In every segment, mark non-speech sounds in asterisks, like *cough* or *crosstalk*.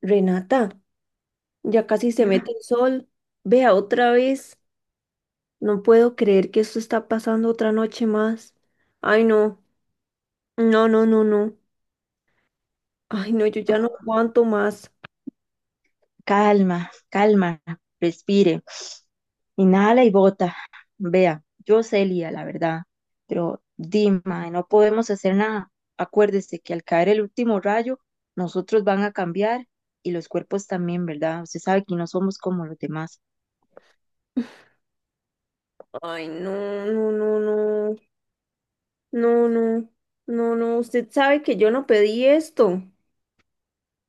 Renata, ya casi se mete el sol. Vea otra vez. No puedo creer que esto está pasando otra noche más. Ay, no. No, no, no, no. Ay, no, yo ya no aguanto más. Calma, calma, respire. Inhala y bota. Vea, yo sé, Lía, la verdad, pero Dima, no podemos hacer nada. Acuérdese que al caer el último rayo, nosotros van a cambiar y los cuerpos también, ¿verdad? Usted sabe que no somos como los demás. Ay, no, no, no, no. No, no. No, no. Usted sabe que yo no pedí esto.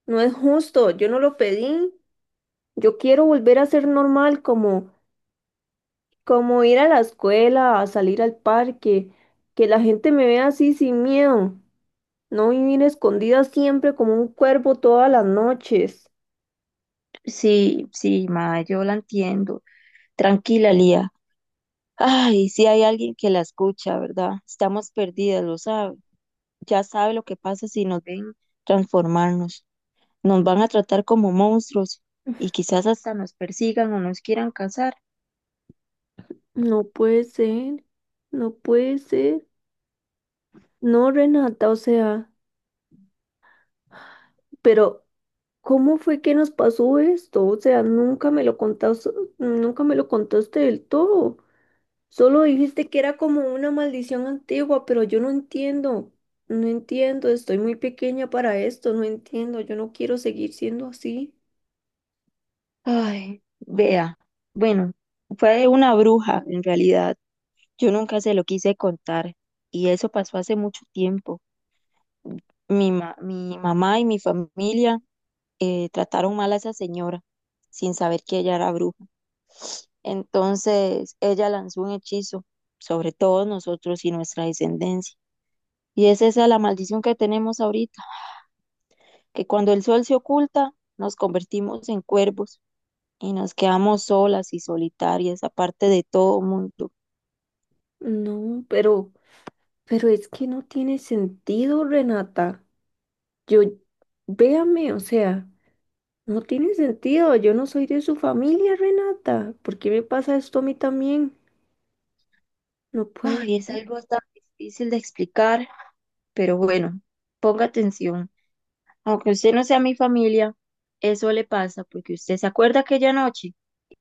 No es justo. Yo no lo pedí. Yo quiero volver a ser normal, como, como ir a la escuela, a salir al parque, que la gente me vea así sin miedo. No vivir escondida siempre como un cuervo todas las noches. Sí, sí, ma, yo la entiendo. Tranquila, Lía. Ay, si hay alguien que la escucha, ¿verdad? Estamos perdidas, lo sabe. Ya sabe lo que pasa si nos ven transformarnos. Nos van a tratar como monstruos y quizás hasta nos persigan o nos quieran cazar. No puede ser, no puede ser. No, Renata, o sea, pero ¿cómo fue que nos pasó esto? O sea, nunca me lo contaste, nunca me lo contaste del todo. Solo dijiste que era como una maldición antigua, pero yo no entiendo. No entiendo, estoy muy pequeña para esto, no entiendo, yo no quiero seguir siendo así. Ay, vea. Bueno, fue una bruja en realidad. Yo nunca se lo quise contar y eso pasó hace mucho tiempo. Mi mamá y mi familia trataron mal a esa señora sin saber que ella era bruja. Entonces ella lanzó un hechizo sobre todos nosotros y nuestra descendencia. Y es esa la maldición que tenemos ahorita, que cuando el sol se oculta, nos convertimos en cuervos y nos quedamos solas y solitarias, aparte de todo mundo. No, pero es que no tiene sentido, Renata. Yo, véame, o sea, no tiene sentido. Yo no soy de su familia, Renata. ¿Por qué me pasa esto a mí también? No puede Ay, es algo tan difícil de explicar, pero bueno, ponga atención. Aunque usted no sea mi familia, eso le pasa porque usted se acuerda aquella noche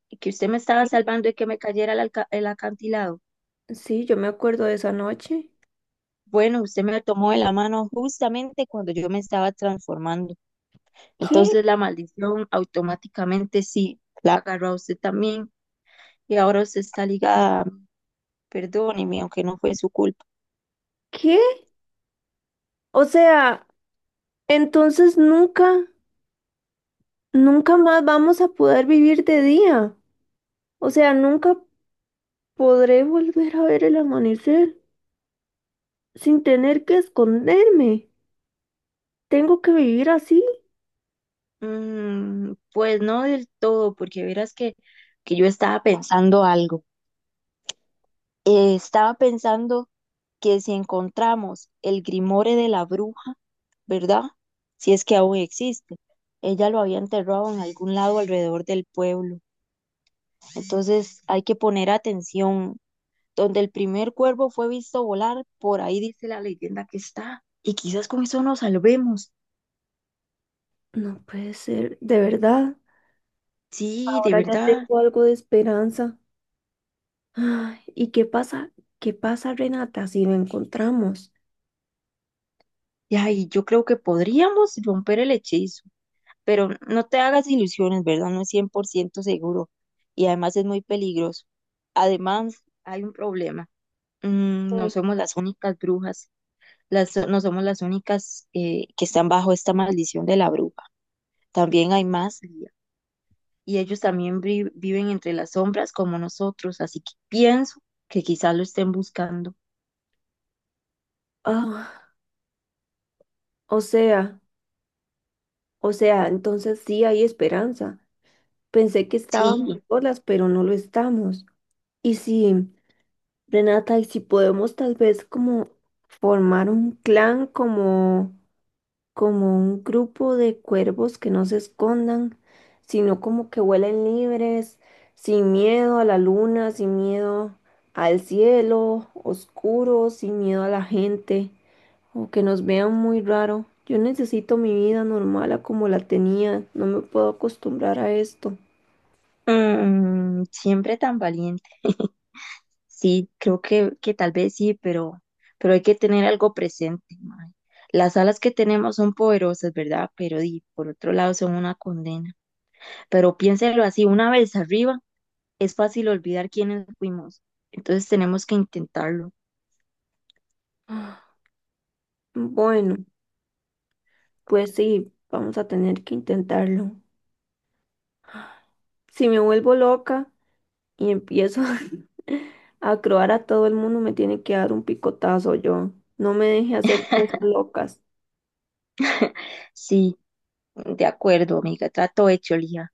y que usted me estaba ser. salvando y que me cayera el acantilado. Sí, yo me acuerdo de esa noche. Bueno, usted me tomó de la mano justamente cuando yo me estaba transformando. ¿Qué? Entonces la maldición automáticamente sí la agarró a usted también. Y ahora usted está ligada, perdóneme, aunque no fue su culpa. ¿Qué? O sea, entonces nunca, nunca más vamos a poder vivir de día. O sea, nunca podré volver a ver el amanecer sin tener que esconderme. ¿Tengo que vivir así? Mm, pues no del todo, porque verás que yo estaba pensando algo. Estaba pensando que si encontramos el Grimore de la bruja, ¿verdad? Si es que aún existe. Ella lo había enterrado en algún lado alrededor del pueblo. Entonces hay que poner atención. Donde el primer cuervo fue visto volar, por ahí dice la leyenda que está. Y quizás con eso nos salvemos. No puede ser, de verdad. Sí, de Ahora ya verdad. tengo algo de esperanza. Ay, ¿y qué pasa? ¿Qué pasa, Renata, si no encontramos? Y ay, yo creo que podríamos romper el hechizo, pero no te hagas ilusiones, ¿verdad? No es 100% seguro y además es muy peligroso. Además, hay un problema. Mm, no Sí. somos las únicas brujas, las, no somos las únicas que están bajo esta maldición de la bruja. También hay más Lía, y ellos también viven entre las sombras como nosotros, así que pienso que quizás lo estén buscando. Ah, o sea, o sea, entonces sí hay esperanza. Pensé que estábamos Sí. solas, pero no lo estamos. Y sí, Renata, y si podemos tal vez como formar un clan como como un grupo de cuervos que no se escondan, sino como que vuelen libres, sin miedo a la luna, sin miedo al cielo oscuro, sin miedo a la gente, o que nos vean muy raro. Yo necesito mi vida normal a como la tenía, no me puedo acostumbrar a esto. Siempre tan valiente. *laughs* Sí, creo que tal vez sí, pero hay que tener algo presente, mae. Las alas que tenemos son poderosas, ¿verdad? Pero di, por otro lado son una condena. Pero piénselo así, una vez arriba es fácil olvidar quiénes fuimos. Entonces tenemos que intentarlo. Bueno, pues sí, vamos a tener que intentarlo. Si me vuelvo loca, y empiezo *laughs* a croar a todo el mundo, me tiene que dar un picotazo yo. No me deje hacer cosas locas. Sí, de acuerdo, amiga, trato hecho, Lía.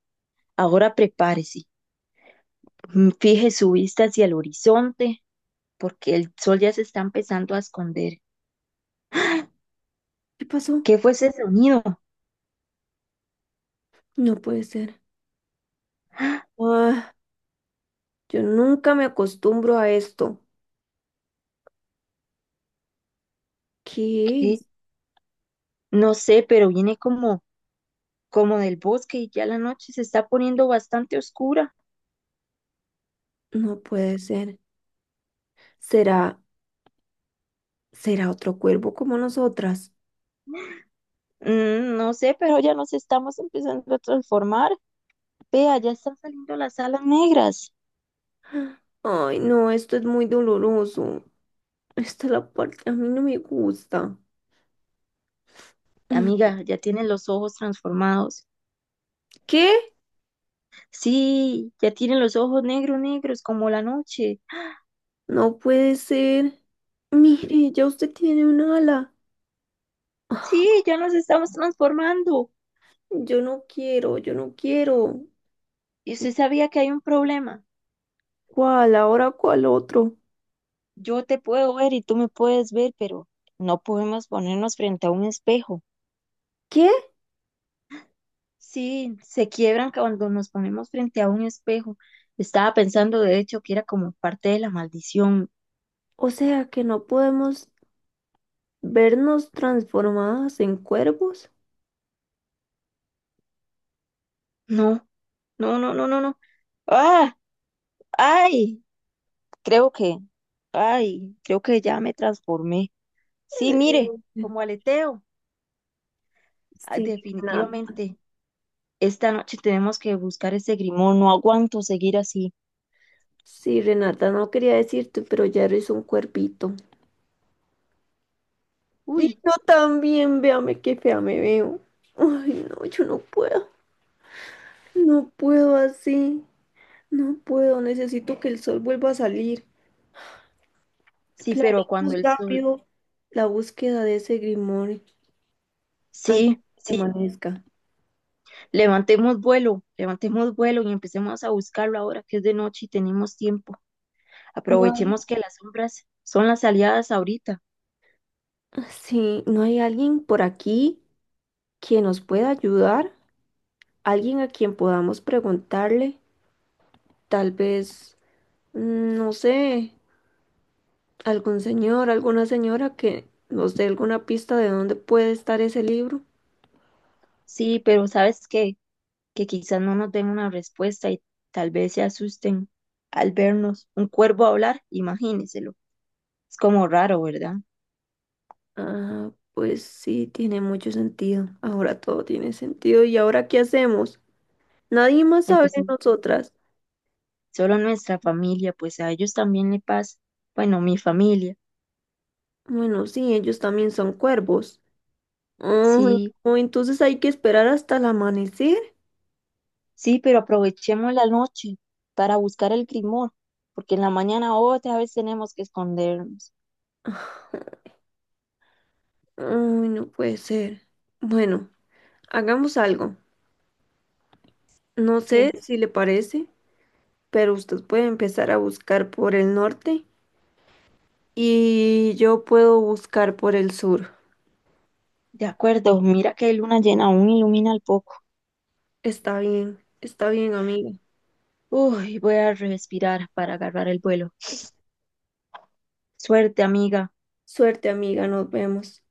Ahora prepárese. Fije su vista hacia el horizonte, porque el sol ya se está empezando a esconder. ¿Qué pasó? ¿Qué fue ese sonido? No puede ser. Ah, yo nunca me acostumbro a esto. ¿Qué ¿Qué? es? No sé, pero viene como del bosque y ya la noche se está poniendo bastante oscura. No puede ser. ¿Será, será otro cuervo como nosotras? Mm, no sé, pero ya nos estamos empezando a transformar. Vea, ya están saliendo las alas negras. *gasps* Ay, no, esto es muy doloroso. Esta es la parte que a mí no me gusta. Mm. Amiga, ya tienen los ojos transformados. ¿Qué? Sí, ya tienen los ojos negros, negros, como la noche. No puede ser. Mire, ya usted tiene un ala. Sí, ya nos estamos transformando. Yo no quiero, yo no quiero. Y usted sabía que hay un problema. ¿Cuál? ¿Ahora cuál otro? Yo te puedo ver y tú me puedes ver, pero no podemos ponernos frente a un espejo. ¿Qué? Sí, se quiebran cuando nos ponemos frente a un espejo. Estaba pensando, de hecho, que era como parte de la maldición. O sea, que no podemos vernos transformadas en cuervos. No, no, no, no, no, no. Ah, ay, creo ay, creo que ya me transformé. Sí, mire, Eh, como aleteo. Ah, Sí, Renata. definitivamente, esta noche tenemos que buscar ese grimón. No aguanto seguir así. Sí, Renata, no quería decirte, pero ya eres un cuervito. Y Uy, yo también, véame qué fea me veo. Ay, no, yo no puedo. No puedo así. No puedo. Necesito que el sol vuelva a salir. sí, pero cuando Planeemos el sol, rápido la búsqueda de ese grimorio, antes sí, de que sí, amanezca. Levantemos vuelo y empecemos a buscarlo ahora que es de noche y tenemos tiempo. No hay, Aprovechemos que las sombras son las aliadas ahorita. ah, sí, no hay alguien por aquí que nos pueda ayudar, alguien a quien podamos preguntarle, tal vez, no sé, algún señor, alguna señora que nos dé alguna pista de dónde puede estar ese libro. Sí, pero ¿sabes qué? Que quizás no nos den una respuesta y tal vez se asusten al vernos un cuervo hablar, imagínenselo. Es como raro, ¿verdad? Ah, pues sí, tiene mucho sentido. Ahora todo tiene sentido. ¿Y ahora qué hacemos? Nadie más sabe de Empecemos nosotras. solo nuestra familia, pues a ellos también le pasa. Bueno, mi familia. Bueno, sí, ellos también son cuervos. Ay, Sí, no, entonces hay que esperar hasta el amanecer. sí, pero aprovechemos la noche para buscar el grimor, porque en la mañana otra vez tenemos que escondernos. Ay, no puede ser. Bueno, hagamos algo. No sé ¿Qué? si le parece, pero usted puede empezar a buscar por el norte y yo puedo buscar por el sur. De acuerdo, mira que hay luna llena aún ilumina el poco. Está bien, amiga. Uy, voy a respirar para agarrar el vuelo. Suerte, amiga. Suerte, amiga, nos vemos.